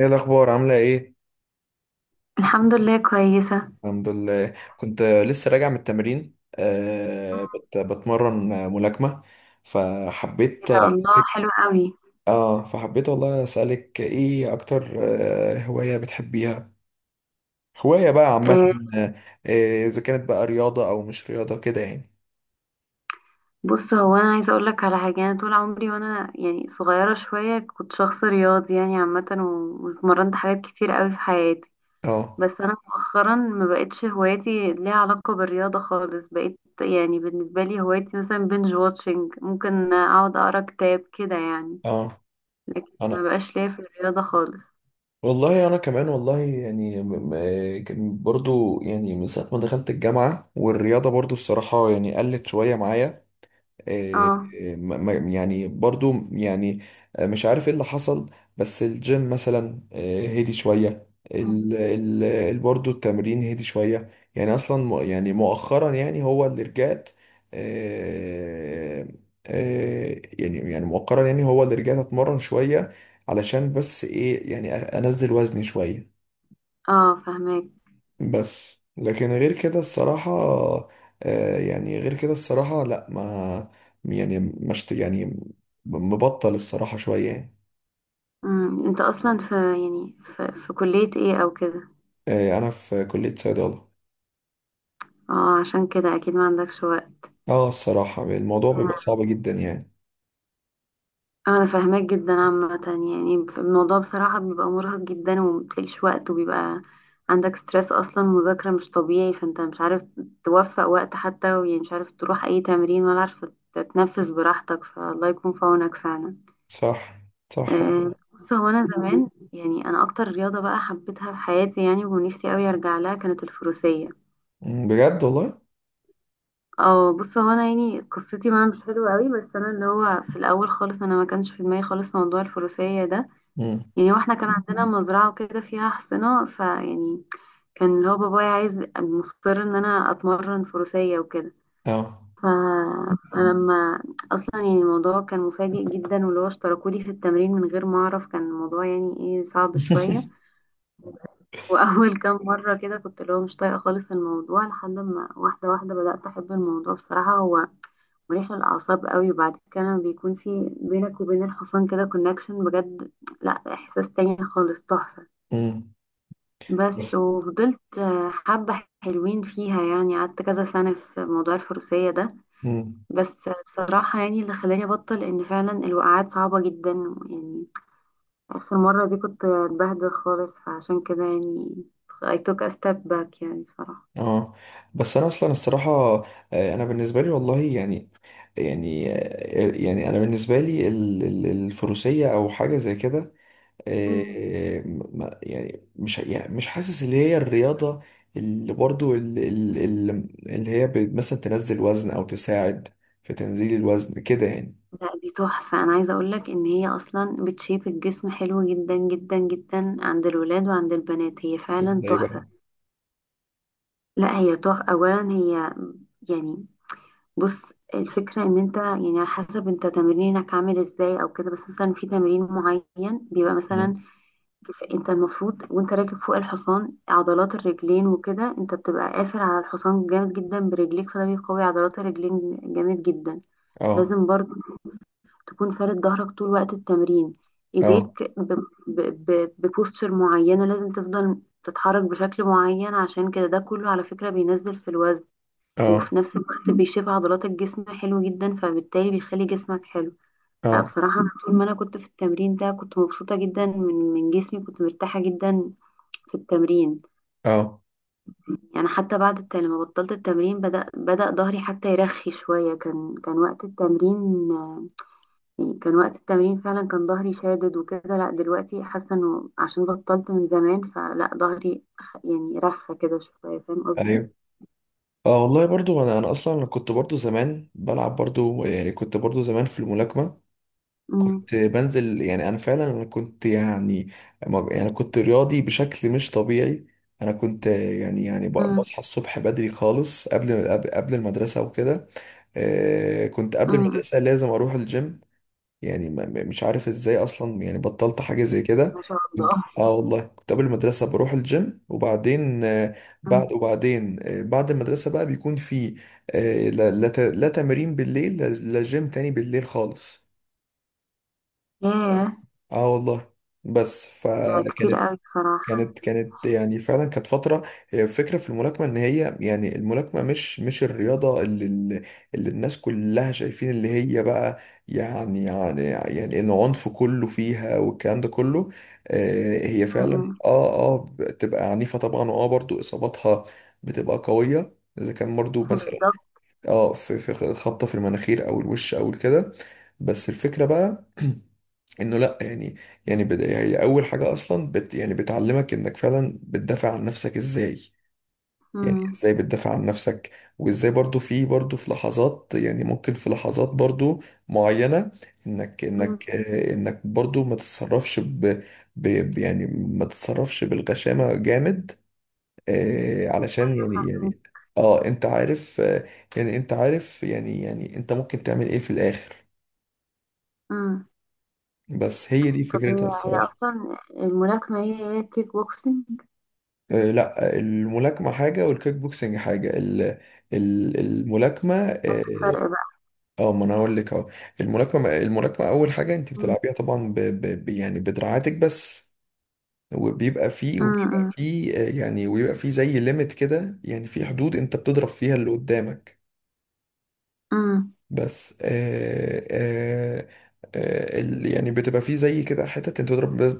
ايه الاخبار؟ عامله ايه؟ الحمد لله كويسة. الحمد لله. كنت لسه راجع من التمرين، بتمرن ملاكمه، فحبيت. ايه ده الله حلو قوي. اه، فحبيت والله. اسالك ايه اكتر؟ هوايه بتحبيها؟ هوايه بقى عامه؟ آه، آه. اذا كانت بقى رياضه او مش رياضه، كده يعني. بص هو انا عايزة اقول لك على حاجة، انا طول عمري وانا يعني صغيرة شوية كنت شخص رياضي يعني عامة، واتمرنت حاجات كتير قوي في حياتي. اه، بس انا مؤخرا ما بقتش هواياتي ليها علاقة بالرياضة خالص، بقيت يعني بالنسبة لي هوايتي مثلا بنج واتشنج، ممكن اقعد اقرا كتاب كده يعني. اه، لكن ما انا بقاش ليا في الرياضة خالص. والله، انا كمان والله. يعني كان برضو يعني من ساعه ما دخلت الجامعه والرياضه برضو الصراحه يعني قلت شويه معايا. آه، اه، يعني برضو يعني. مش عارف ايه اللي حصل. بس الجيم مثلا، هدي شوية. برضو التمرين هدي شوية. يعني اصلا يعني مؤخرا يعني هو اللي رجعت. آه. يعني يعني مؤخرا يعني هو اللي رجعت اتمرن شوية. علشان بس ايه يعني انزل وزني شوية. اه، فهمك. بس، لكن غير كده الصراحة. يعني غير كده الصراحة، لا ما. يعني مش يعني. مبطل الصراحة شوية يعني. انت اصلا في يعني في كلية ايه او كده؟ أنا في كلية صيدلة. اه، عشان كده اكيد ما عندكش وقت. اه، الصراحة الموضوع بيبقى صعب جدا يعني. انا فاهماك جدا عامة، يعني الموضوع بصراحة بيبقى مرهق جدا ومبتلاقيش وقت، وبيبقى عندك ستريس، اصلا مذاكرة مش طبيعي، فانت مش عارف توفق وقت حتى، يعني مش عارف تروح اي تمرين ولا عارف تتنفس براحتك، فالله يكون في عونك فعلا. صح. صح والله. بص هو انا زمان يعني انا اكتر رياضة بقى حبيتها في حياتي يعني ونفسي اوي ارجع لها كانت الفروسية. مم، بجد والله. اه، بص هو انا يعني قصتي معاه مش حلوه قوي، بس انا اللي هو في الاول خالص انا ما كانش في دماغي خالص موضوع الفروسيه ده. مم. يعني هو احنا كان عندنا مزرعه وكده فيها حصنه فيعني كان اللي هو بابايا عايز مصر ان انا اتمرن فروسيه وكده. اه. ف... فلما اصلا يعني الموضوع كان مفاجئ جدا واللي هو اشتركولي في التمرين من غير ما اعرف، كان الموضوع يعني ايه صعب شويه. واول كام مره كده كنت اللي هو مش طايقه خالص الموضوع، لحد ما واحده واحده بدات احب الموضوع. بصراحه هو مريح للأعصاب قوي، وبعد كده لما بيكون في بينك وبين الحصان كده كونكشن بجد، لا إحساس تاني خالص تحفة. مم. بس بس. وفضلت حبة حلوين فيها، يعني قعدت كذا سنة في موضوع الفروسية ده. مم. بس بصراحة يعني اللي خلاني أبطل إن فعلا الوقعات صعبة جدا، يعني آخر مرة دي كنت اتبهدل خالص فعشان كده يعني I took a step back يعني بصراحة. اه، بس انا اصلا الصراحه. انا بالنسبه لي والله يعني. يعني يعني انا بالنسبه لي الفروسيه او حاجه زي كده. يعني مش يعني مش حاسس اللي هي الرياضه. اللي برضو اللي هي مثلا تنزل وزن او تساعد في تنزيل الوزن، كده يعني. لا دي تحفة، أنا عايزة أقولك إن هي أصلا بتشيب الجسم حلو جدا جدا جدا عند الولاد وعند البنات، هي فعلا ازاي تحفة. بقى؟ لا هي تحفة أولا، هي يعني بص الفكرة إن أنت يعني على حسب أنت تمرينك عامل إزاي أو كده، بس مثلا في تمرين معين بيبقى مم. مثلا أنت المفروض وأنت راكب فوق الحصان عضلات الرجلين وكده أنت بتبقى قافل على الحصان جامد جدا برجليك، فده بيقوي عضلات الرجلين جامد جدا. اه، لازم برضو تكون فارد ظهرك طول وقت التمرين، اه، ايديك ببوستشر معينة لازم تفضل تتحرك بشكل معين، عشان كده ده كله على فكرة بينزل في الوزن، اه، وفي نفس الوقت بيشيب عضلات الجسم حلو جدا فبالتالي بيخلي جسمك حلو. لا اه، بصراحة، أنا طول ما أنا كنت في التمرين ده كنت مبسوطة جدا من جسمي كنت مرتاحة جدا في التمرين. اه، يعني حتى بعد لما بطلت التمرين بدأ ظهري حتى يرخي شوية، كان وقت التمرين يعني كان وقت التمرين فعلا كان ظهري شادد وكده. لا دلوقتي حاسة انه عشان بطلت من زمان فلا ظهري يعني رفة كده شوية، فاهم قصدي؟ ايوه، اه. والله برضو انا اصلا كنت برضو زمان بلعب برضو، يعني كنت برضو زمان في الملاكمه. أمم، كنت بنزل. يعني انا فعلا، انا كنت يعني. يعني كنت رياضي بشكل مش طبيعي. انا كنت يعني يعني أمم، بصحى الصبح بدري خالص قبل المدرسه وكده. كنت قبل أمم. المدرسه لازم اروح الجيم. يعني مش عارف ازاي اصلا، يعني بطلت حاجه زي كده. ما شاء كنت، الله. والله كنت قبل المدرسه بروح الجيم وبعدين بعد أمم. وبعدين بعد المدرسه بقى بيكون في. لا، لا، لا تمرين بالليل، لا، لا، جيم تاني بالليل خالص. ياه، اه والله. بس. مم. ده كتير فكانت. قوي بصراحة. كانت يعني فعلا كانت فترة. هي الفكرة في الملاكمة ان هي يعني الملاكمة مش الرياضة اللي اللي الناس كلها شايفين، اللي هي بقى يعني يعني يعني العنف كله فيها والكلام ده كله. هي أمم، فعلا، أمم. بتبقى عنيفة طبعا، واه برضو اصاباتها بتبقى قوية اذا كان برضو مثلا بالظبط. اه في خبطة في المناخير او الوش او كده. بس الفكرة بقى انه لا يعني. يعني هي اول حاجه اصلا يعني بتعلمك انك فعلا بتدافع عن نفسك ازاي. يعني أمم، ازاي بتدافع عن نفسك، وازاي برضو في برضو في لحظات. يعني ممكن في لحظات برضو معينه، انك أمم، انك انك برضو ما تتصرفش يعني ما تتصرفش بالغشامه جامد. علشان يعني فاهمة. يعني، اه، انت عارف يعني انت عارف، يعني يعني انت ممكن تعمل ايه في الاخر. أمم. بس هي دي طب فكرتها هي الصراحه. أصلا الملاكمة هي الكيك بوكسينج؟ لا، الملاكمة حاجة والكيك بوكسنج حاجة. ال ال الملاكمة، ايه اه. الفرق بقى؟ ما انا هقول لك اهو. الملاكمة، اول حاجة انت أمم، بتلعبيها طبعا يعني بدراعاتك بس. وبيبقى فيه وبيبقى أمم، فيه يعني، ويبقى فيه زي ليميت كده، يعني في حدود انت بتضرب فيها اللي قدامك. أمم. بس يعني بتبقى فيه زي كده حتت انت بتضرب بس،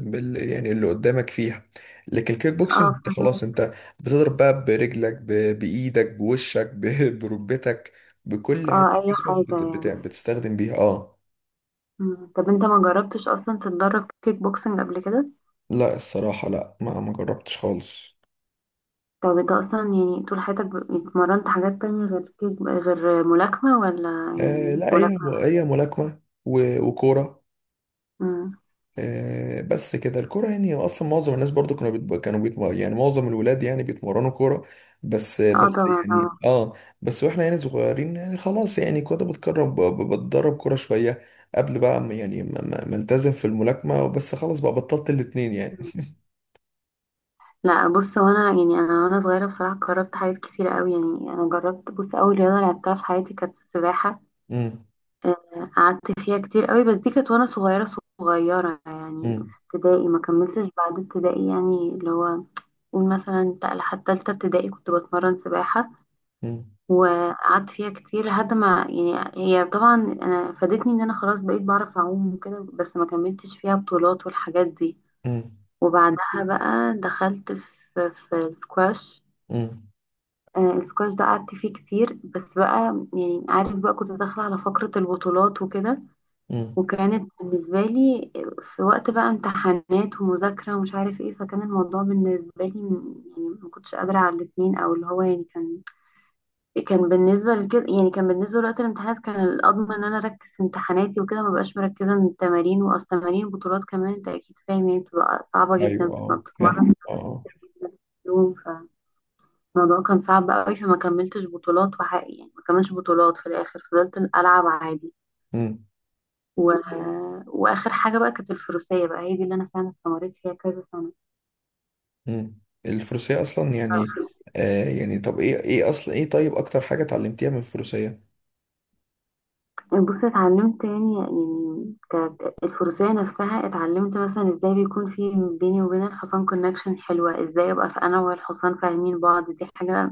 بس بال يعني اللي قدامك فيها. لكن الكيك بوكسنج اه، انت خلاص، فاهمك. انت بتضرب بقى برجلك، بايدك، بوشك، بركبتك، بكل حتة اه، في أي جسمك حاجة بت بت يعني. بتستخدم بيها، اه. مم. طب انت ما جربتش اصلا تتدرب كيك بوكسنج قبل كده؟ لا، الصراحة، لا، ما جربتش خالص. طب انت اصلا يعني طول حياتك اتمرنت حاجات تانية غير كيك، غير ملاكمة، ولا يعني لا، هي ملاكمة؟ هي ملاكمة وكورة. مم. بس كده. الكرة يعني اصلا معظم الناس برضو كانوا بيتب... كانوا بيتم... يعني معظم الولاد يعني بيتمرنوا كرة. بس اه بس طبعا اه. يعني، اه. بس واحنا يعني صغيرين يعني خلاص، يعني كنت بتكرم بتدرب كرة شوية قبل بقى يعني ما التزم في الملاكمة. بس خلاص بقى بطلت الاتنين يعني. مم. لا بص هو انا يعني انا وانا صغيرة بصراحة جربت حاجات كتير قوي، يعني انا جربت بص اول رياضة لعبتها في حياتي كانت السباحة. امم. آه، قعدت فيها كتير قوي، بس دي كانت وانا صغيرة صغيرة يعني. امم. في ابتدائي ما كملتش بعد ابتدائي يعني اللي هو قول مثلا لحد تالتة ابتدائي كنت بتمرن سباحة. امم. وقعدت فيها كتير لحد ما يعني هي طبعا انا فادتني ان انا خلاص بقيت بعرف اعوم وكده، بس ما كملتش فيها بطولات والحاجات دي. امم. وبعدها بقى دخلت في السكواش. امم. آه، السكواش ده قعدت فيه كتير، بس بقى يعني عارف بقى كنت داخلة على فقرة البطولات وكده. امم. وكانت بالنسبة لي في وقت بقى امتحانات ومذاكرة ومش عارف ايه، فكان الموضوع بالنسبة لي يعني ما كنتش قادرة على الاتنين، او اللي هو يعني كان بالنسبة لكده يعني كان بالنسبة لوقت الامتحانات كان الأضمن إن أنا أركز في امتحاناتي وكده، مبقاش مركزة من التمارين. وأصل تمارين بطولات كمان أنت أكيد فاهم يعني بتبقى صعبة جدا ايوه، بتبقى اه، فاهم، بتتمرن اه، آه. يوم. فالموضوع كان صعب قوي فما كملتش بطولات وحقي يعني ما كملتش بطولات في الآخر، فضلت ألعب عادي. امم. و... وآخر حاجة بقى كانت الفروسية بقى هي دي اللي أنا فعلا استمريت فيها كذا امم. الفروسية اصلا يعني. سنة. يعني، طب، ايه، اصلا ايه، طيب، اكتر حاجة اتعلمتيها من الفروسية؟ بصي اتعلمت يعني كانت الفروسية نفسها اتعلمت مثلا ازاي بيكون في بيني وبين الحصان كونكشن حلوة، ازاي ابقى في انا والحصان فاهمين بعض، دي حاجة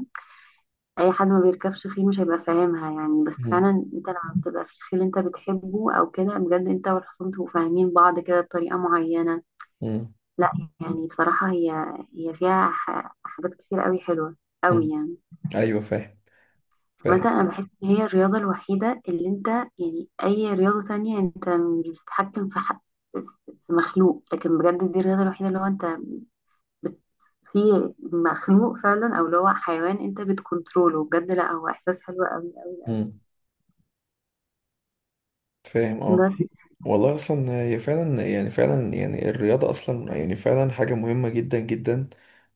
اي حد ما بيركبش خيل مش هيبقى فاهمها يعني. بس فعلا انت لما بتبقى في خيل انت بتحبه او كده بجد انت والحصان تبقوا فاهمين بعض كده بطريقة معينة. مم. لا يعني بصراحة هي فيها حاجات كتير قوي حلوة قوي مم. يعني. ايوه، فاهم. عامة فاهم. أنا بحس إن هي الرياضة الوحيدة اللي أنت، يعني أي رياضة تانية أنت مش بتتحكم في حق في مخلوق، لكن بجد دي الرياضة الوحيدة اللي هو أنت بت... في مخلوق فعلا أو اللي هو حيوان أنت بتكنتروله بجد. لأ هو إحساس حلو أوي أوي أوي. مم. فاهم، اه. بس. والله اصلا هي فعلا يعني، فعلا يعني الرياضه اصلا يعني فعلا حاجه مهمه جدا جدا.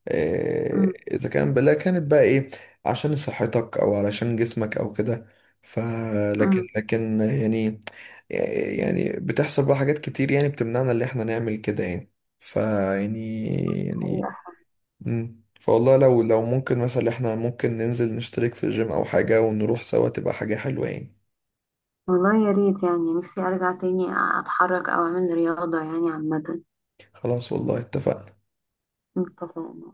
أمم، اذا كان بلا كانت بقى ايه، عشان صحتك او علشان جسمك او كده. فلكن أمم، لكن يعني، يعني بتحصل بقى حاجات كتير يعني بتمنعنا اللي احنا نعمل كده يعني. يعني. يعني. حقيقة. مم. فوالله، لو ممكن مثلا، احنا ممكن ننزل نشترك في الجيم او حاجة ونروح سوا، تبقى حاجة حلوة يعني. والله يا ريت يعني نفسي أرجع تاني أتحرك أو أعمل رياضة يعني عامة. خلاص والله، اتفقنا. اتفقنا.